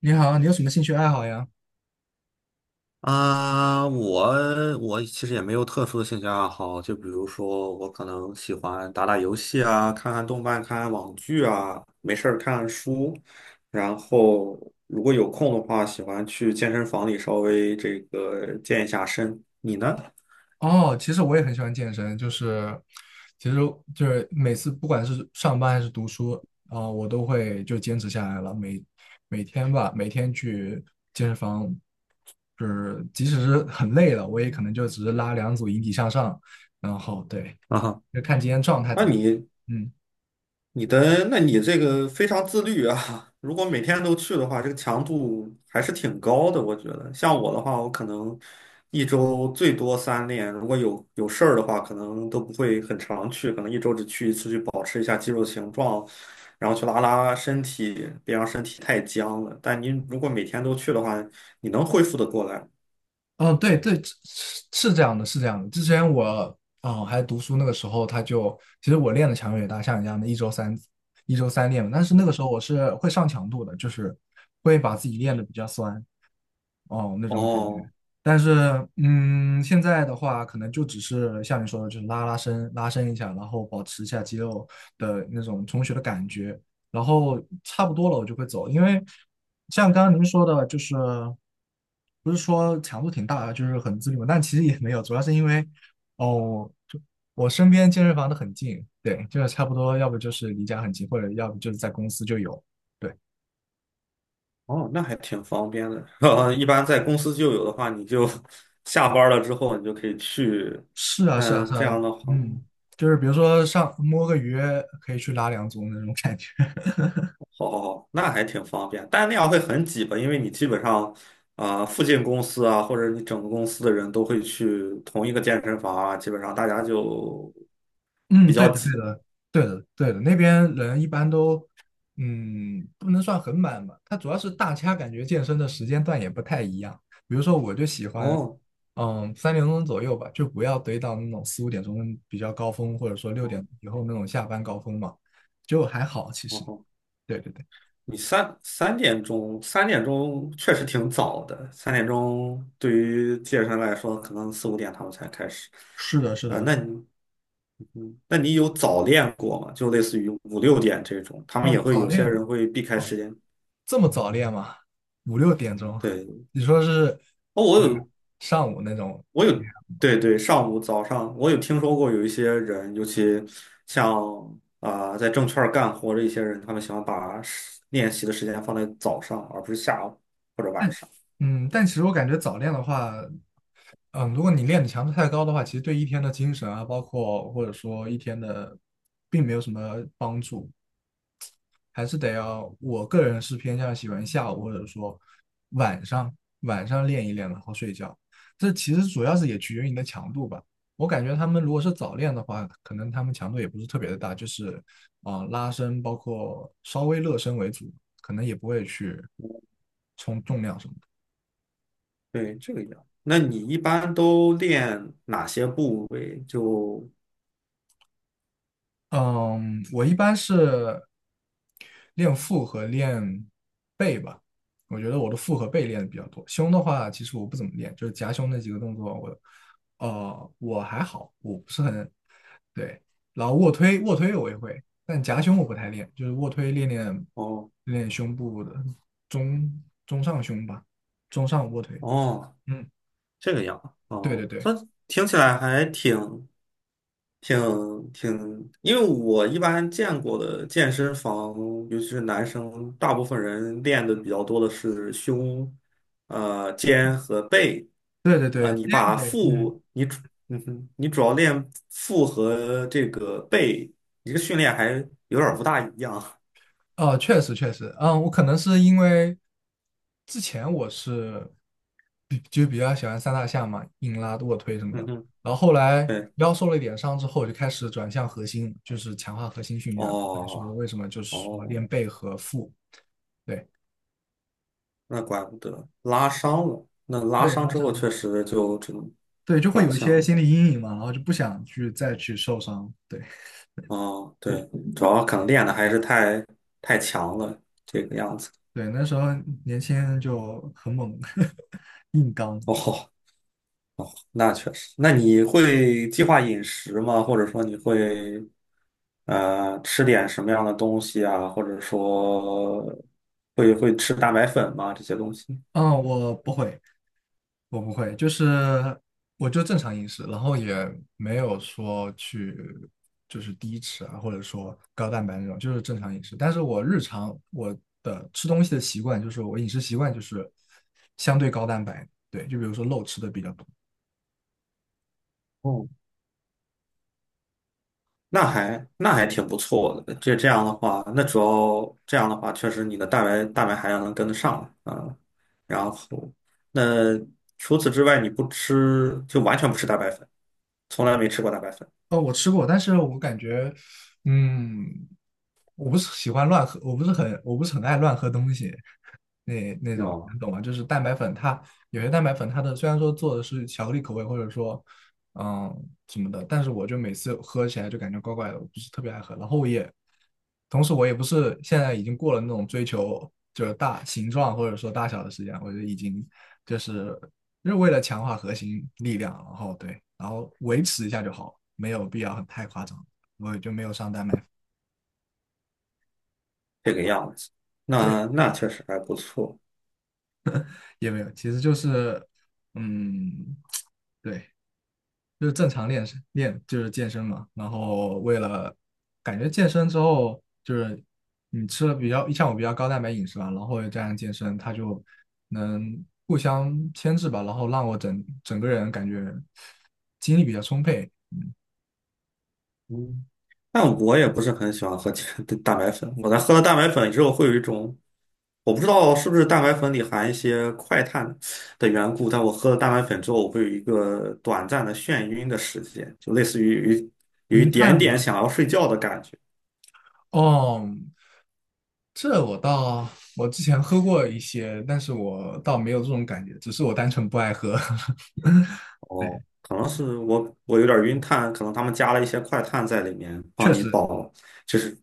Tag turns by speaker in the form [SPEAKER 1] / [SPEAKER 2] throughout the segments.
[SPEAKER 1] 你好，你有什么兴趣爱好呀？
[SPEAKER 2] 啊，我其实也没有特殊的兴趣爱好，就比如说我可能喜欢打打游戏啊，看看动漫，看看网剧啊，没事儿看看书，然后如果有空的话，喜欢去健身房里稍微这个健一下身。你呢？
[SPEAKER 1] 哦，其实我也很喜欢健身。其实就是每次不管是上班还是读书，我都会就坚持下来了。每天去健身房，就是即使是很累了，我也可能就只是拉2组引体向上，然后对，
[SPEAKER 2] 啊哈，
[SPEAKER 1] 就看今天状态怎
[SPEAKER 2] 那
[SPEAKER 1] 么
[SPEAKER 2] 你
[SPEAKER 1] 嗯。
[SPEAKER 2] 那你这个非常自律啊！如果每天都去的话，这个强度还是挺高的，我觉得。像我的话，我可能一周最多三练，如果有事儿的话，可能都不会很常去，可能一周只去一次，去保持一下肌肉形状，然后去拉拉身体，别让身体太僵了。但您如果每天都去的话，你能恢复得过来。
[SPEAKER 1] 嗯，对对，是是这样的，是这样的。之前我还读书那个时候，他就其实我练的强度也大，像你这样的一周三练嘛，但是那
[SPEAKER 2] 嗯
[SPEAKER 1] 个
[SPEAKER 2] 哼。
[SPEAKER 1] 时候我是会上强度的，就是会把自己练的比较酸，哦，那种感觉。
[SPEAKER 2] 哦。
[SPEAKER 1] 但是，现在的话，可能就只是像你说的，就是拉伸一下，然后保持一下肌肉的那种充血的感觉，然后差不多了，我就会走。因为像刚刚您说的，就是不是说强度挺大的就是很自律嘛，但其实也没有，主要是因为哦，就我身边健身房都很近。对，就是差不多，要不就是离家很近，或者要不就是在公司就有。对。
[SPEAKER 2] 哦，那还挺方便的。一般在公司就有的话，你就 下班了之后，你就可以去。
[SPEAKER 1] 是啊，是啊，
[SPEAKER 2] 嗯，
[SPEAKER 1] 是
[SPEAKER 2] 这
[SPEAKER 1] 啊。
[SPEAKER 2] 样的话，好
[SPEAKER 1] 嗯，就是比如说上摸个鱼可以去拉两组那种感觉。
[SPEAKER 2] 好好，那还挺方便。但那样会很挤吧？因为你基本上，啊、附近公司啊，或者你整个公司的人都会去同一个健身房啊，基本上大家就
[SPEAKER 1] 嗯，
[SPEAKER 2] 比
[SPEAKER 1] 对
[SPEAKER 2] 较
[SPEAKER 1] 的，
[SPEAKER 2] 挤。
[SPEAKER 1] 对的，对的，那边人一般都，不能算很满吧。他主要是大家感觉健身的时间段也不太一样。比如说，我就喜欢，
[SPEAKER 2] 哦。
[SPEAKER 1] 3点钟左右吧，就不要堆到那种4、5点钟比较高峰，或者说六
[SPEAKER 2] 哦。
[SPEAKER 1] 点以后那种下班高峰嘛，就还好其实。
[SPEAKER 2] 哦，
[SPEAKER 1] 对对对，
[SPEAKER 2] 你三点钟确实挺早的。三点钟对于健身来说，可能4、5点他们才开始。
[SPEAKER 1] 是的，是
[SPEAKER 2] 啊、
[SPEAKER 1] 的。
[SPEAKER 2] 那你，嗯，那你有早练过吗？就类似于5、6点这种，他们也
[SPEAKER 1] 嗯，
[SPEAKER 2] 会
[SPEAKER 1] 早
[SPEAKER 2] 有些
[SPEAKER 1] 恋，
[SPEAKER 2] 人会避开
[SPEAKER 1] 哦，
[SPEAKER 2] 时间。
[SPEAKER 1] 这么早练吗？5、6点钟？
[SPEAKER 2] 对，
[SPEAKER 1] 你说是
[SPEAKER 2] 哦，我有，
[SPEAKER 1] 上午那种？
[SPEAKER 2] 我有，对对，上午早上我有听说过有一些人，尤其像啊、在证券儿干活的一些人，他们喜欢把练习的时间放在早上，而不是下午或者晚上。
[SPEAKER 1] 嗯，但其实我感觉早练的话，嗯，如果你练的强度太高的话，其实对一天的精神啊，包括或者说一天的，并没有什么帮助。还是得要，我个人是偏向喜欢下午或者说晚上，晚上练一练，然后睡觉。这其实主要是也取决于你的强度吧。我感觉他们如果是早练的话，可能他们强度也不是特别的大，就是拉伸，包括稍微热身为主，可能也不会去冲重量什么。
[SPEAKER 2] 对，这个样。那你一般都练哪些部位？就
[SPEAKER 1] 嗯，我一般是练腹和练背吧。我觉得我的腹和背练的比较多，胸的话，其实我不怎么练，就是夹胸那几个动作我，我还好，我不是很对。然后卧推，我也会，但夹胸我不太练，就是卧推练练
[SPEAKER 2] 哦。
[SPEAKER 1] 练练胸部的中中上胸吧，中上卧推。
[SPEAKER 2] 哦，
[SPEAKER 1] 嗯，
[SPEAKER 2] 这个样
[SPEAKER 1] 对对
[SPEAKER 2] 哦，
[SPEAKER 1] 对
[SPEAKER 2] 它听起来还挺挺，因为我一般见过的健身房，尤其是男生，大部分人练的比较多的是胸、肩和背。
[SPEAKER 1] 对对对，
[SPEAKER 2] 你
[SPEAKER 1] 这样
[SPEAKER 2] 把
[SPEAKER 1] 呗。嗯。
[SPEAKER 2] 腹，你主，嗯哼，你主要练腹和这个背，你这个训练还有点儿不大一样。
[SPEAKER 1] 哦，确实确实。嗯，我可能是因为之前我是就比较喜欢三大项嘛，硬拉、卧推什 么
[SPEAKER 2] 嗯
[SPEAKER 1] 的，
[SPEAKER 2] 哼。
[SPEAKER 1] 然后后来
[SPEAKER 2] 对，
[SPEAKER 1] 腰受了一点伤之后，我就开始转向核心，就是强化核心训练了。还是说
[SPEAKER 2] 哦。
[SPEAKER 1] 为什么就是说
[SPEAKER 2] 哦，
[SPEAKER 1] 练背和腹，对
[SPEAKER 2] 那怪不得拉伤了。那拉
[SPEAKER 1] 对，
[SPEAKER 2] 伤
[SPEAKER 1] 拉
[SPEAKER 2] 之后
[SPEAKER 1] 伤，
[SPEAKER 2] 确实就只能
[SPEAKER 1] 对，就会
[SPEAKER 2] 转
[SPEAKER 1] 有一
[SPEAKER 2] 向
[SPEAKER 1] 些
[SPEAKER 2] 了。
[SPEAKER 1] 心理阴影嘛，然后就不想去再去受伤。对
[SPEAKER 2] 哦，对，主要可能练的还是太强了，这个样子。
[SPEAKER 1] 对，那时候年轻就很猛，硬刚。
[SPEAKER 2] 哦，那确实。那你会计划饮食吗？或者说你会吃点什么样的东西啊？或者说会吃蛋白粉吗？这些东西？
[SPEAKER 1] 嗯，我不会。我不会，就是我就正常饮食，然后也没有说去就是低脂啊，或者说高蛋白那种，就是正常饮食。但是我日常的吃东西的习惯，就是我饮食习惯就是相对高蛋白。对，就比如说肉吃的比较多。
[SPEAKER 2] 那还挺不错的。这样的话，那主要这样的话，确实你的蛋白含量能跟得上啊。然后，那除此之外，你不吃就完全不吃蛋白粉，从来没吃过蛋白粉。
[SPEAKER 1] 哦，我吃过，但是我感觉，嗯，我不是喜欢乱喝，我不是很爱乱喝东西，那种，
[SPEAKER 2] 哦，
[SPEAKER 1] 你懂吗？就是蛋白粉它，有些蛋白粉它的虽然说做的是巧克力口味，或者说，嗯，什么的，但是我就每次喝起来就感觉怪怪的，我不是特别爱喝。然后我也，同时我也不是现在已经过了那种追求就是大形状或者说大小的时间，我就已经就是。就是为了强化核心力量，然后对，然后维持一下就好，没有必要很太夸张。我就没有上丹麦。
[SPEAKER 2] 这个样子。
[SPEAKER 1] 对，
[SPEAKER 2] 那那确实还不错，
[SPEAKER 1] 也没有，其实就是，嗯，对，就是正常练身练就是健身嘛。然后为了感觉健身之后，就是你吃了比较比较高蛋白饮食吧，然后又加上健身，它就能互相牵制吧，然后让我整个人感觉精力比较充沛。
[SPEAKER 2] 嗯。但我也不是很喜欢喝 蛋白粉，我在喝了蛋白粉之后，会有一种我不知道是不是蛋白粉里含一些快碳的缘故，但我喝了蛋白粉之后，我会有一个短暂的眩晕的时间，就类似于有一
[SPEAKER 1] 云
[SPEAKER 2] 点
[SPEAKER 1] 碳
[SPEAKER 2] 点想要睡觉的感觉。
[SPEAKER 1] 哦，这我倒，我之前喝过一些，但是我倒没有这种感觉，只是我单纯不爱喝。
[SPEAKER 2] 哦，可能是我有点晕碳，可能他们加了一些快碳在里面
[SPEAKER 1] 确
[SPEAKER 2] 帮你
[SPEAKER 1] 实，
[SPEAKER 2] 保，就是。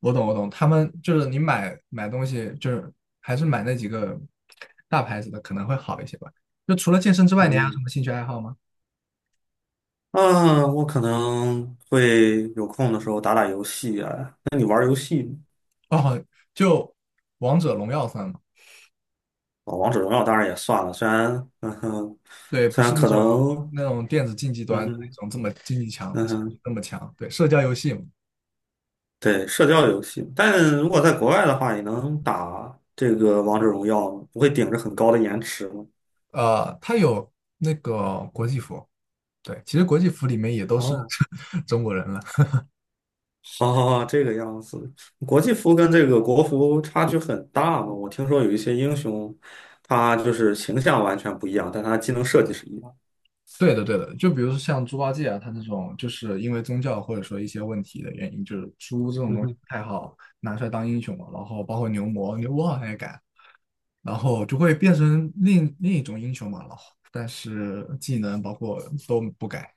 [SPEAKER 1] 我懂我懂，他们就是你买东西，就是还是买那几个大牌子的可能会好一些吧。就除了健身之外，你还有什
[SPEAKER 2] 嗯
[SPEAKER 1] 么兴趣爱好吗？
[SPEAKER 2] 啊，我可能会有空的时候打打游戏啊。那你玩儿游戏吗？
[SPEAKER 1] 哦，就王者荣耀算吗？
[SPEAKER 2] 哦，王者荣耀当然也算了，虽然嗯哼，
[SPEAKER 1] 对，不
[SPEAKER 2] 虽
[SPEAKER 1] 是
[SPEAKER 2] 然
[SPEAKER 1] 那
[SPEAKER 2] 可
[SPEAKER 1] 种
[SPEAKER 2] 能
[SPEAKER 1] 电子竞技
[SPEAKER 2] 嗯
[SPEAKER 1] 端的那
[SPEAKER 2] 哼。
[SPEAKER 1] 种这么竞技强，
[SPEAKER 2] 嗯哼。
[SPEAKER 1] 那么强。对，社交游戏嘛。
[SPEAKER 2] 对，社交游戏，但如果在国外的话，也能打这个王者荣耀吗，不会顶着很高的延迟吗？
[SPEAKER 1] 它有那个国际服。对，其实国际服里面也都是
[SPEAKER 2] 哦，
[SPEAKER 1] 中国人了。
[SPEAKER 2] 好好好，这个样子。国际服跟这个国服差距很大嘛，我听说有一些英雄，他就是形象完全不一样，但他技能设计是一样。
[SPEAKER 1] 对的，对的。就比如说像猪八戒啊，他这种就是因为宗教或者说一些问题的原因，就是猪这种
[SPEAKER 2] 嗯
[SPEAKER 1] 东西
[SPEAKER 2] 哼，
[SPEAKER 1] 不太好拿出来当英雄嘛。然后包括牛魔，牛魔好像也改，然后就会变成另一种英雄嘛。然后但是技能包括都不改。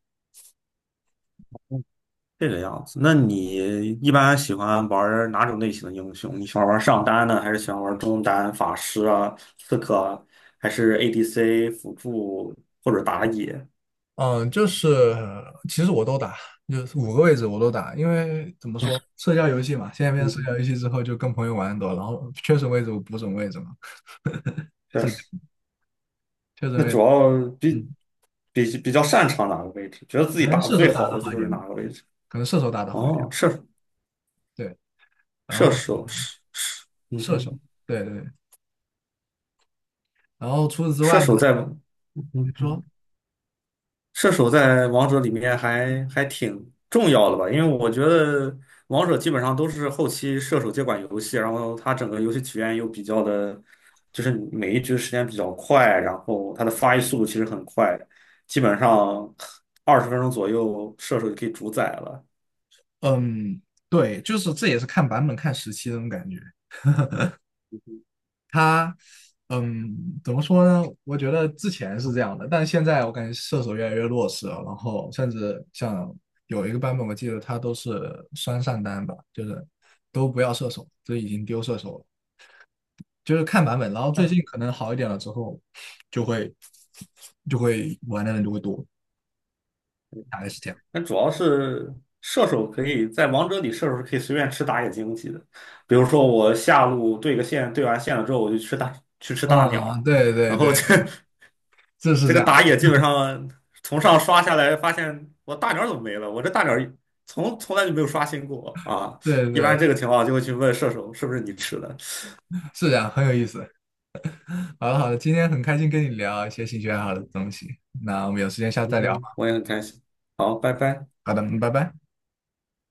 [SPEAKER 2] 这个样子。那你一般喜欢玩哪种类型的英雄？你喜欢玩上单呢，还是喜欢玩中单、法师啊、刺客啊，还是 ADC 辅助或者打野？
[SPEAKER 1] 嗯，就是其实我都打，就是5个位置我都打，因为怎么说，社交游戏嘛，现在变成社
[SPEAKER 2] 嗯。
[SPEAKER 1] 交游戏之后，就跟朋友玩的多，然后缺什么位置我补什么位置嘛，
[SPEAKER 2] 确实，
[SPEAKER 1] 缺什么
[SPEAKER 2] 那
[SPEAKER 1] 位
[SPEAKER 2] 主
[SPEAKER 1] 置
[SPEAKER 2] 要比
[SPEAKER 1] 嗯，
[SPEAKER 2] 比较擅长哪个位置，觉得自
[SPEAKER 1] 可
[SPEAKER 2] 己
[SPEAKER 1] 能
[SPEAKER 2] 打的
[SPEAKER 1] 射
[SPEAKER 2] 最
[SPEAKER 1] 手打
[SPEAKER 2] 好
[SPEAKER 1] 得
[SPEAKER 2] 的
[SPEAKER 1] 好
[SPEAKER 2] 就
[SPEAKER 1] 一
[SPEAKER 2] 是
[SPEAKER 1] 点吧，
[SPEAKER 2] 哪个位置。
[SPEAKER 1] 可能射手打得好一点。
[SPEAKER 2] 哦，
[SPEAKER 1] 对，然
[SPEAKER 2] 射
[SPEAKER 1] 后
[SPEAKER 2] 手是，嗯
[SPEAKER 1] 射手，
[SPEAKER 2] 哼，
[SPEAKER 1] 对对对，然后除此之
[SPEAKER 2] 射
[SPEAKER 1] 外呢，
[SPEAKER 2] 手在
[SPEAKER 1] 你
[SPEAKER 2] 嗯，
[SPEAKER 1] 说，
[SPEAKER 2] 射手在王者里面还挺重要的吧？因为我觉得王者基本上都是后期射手接管游戏，然后它整个游戏体验又比较的，就是每一局时间比较快，然后它的发育速度其实很快，基本上20分钟左右射手就可以主宰了。
[SPEAKER 1] 嗯，对，就是这也是看版本、看时期的那种感觉。他，嗯，怎么说呢？我觉得之前是这样的，但现在我感觉射手越来越弱势了。然后甚至像有一个版本，我记得他都是双上单吧，就是都不要射手，就已经丢射手了。就是看版本。然后最近可能好一点了之后，就会就会玩的人就会多，大概是这样。
[SPEAKER 2] 那主要是射手可以在王者里，射手是可以随便吃打野经济的。比如说我下路对个线，对完线了之后，我就吃大去吃大鸟，
[SPEAKER 1] 对对
[SPEAKER 2] 然
[SPEAKER 1] 对，
[SPEAKER 2] 后这
[SPEAKER 1] 这 是
[SPEAKER 2] 这
[SPEAKER 1] 这
[SPEAKER 2] 个
[SPEAKER 1] 样，
[SPEAKER 2] 打野基本上从上刷下来，发现我大鸟怎么没了？我这大鸟从来就没有刷新过啊！
[SPEAKER 1] 对对
[SPEAKER 2] 一般
[SPEAKER 1] 对，
[SPEAKER 2] 这个情况就会去问射手是不是你吃的。
[SPEAKER 1] 是这样，很有意思。好的好的，今天很开心跟你聊一些兴趣爱好的东西，那我们有时间下次
[SPEAKER 2] 嗯
[SPEAKER 1] 再聊吧。
[SPEAKER 2] 哼，我也很开心。好，拜拜。
[SPEAKER 1] 好的，嗯，拜拜。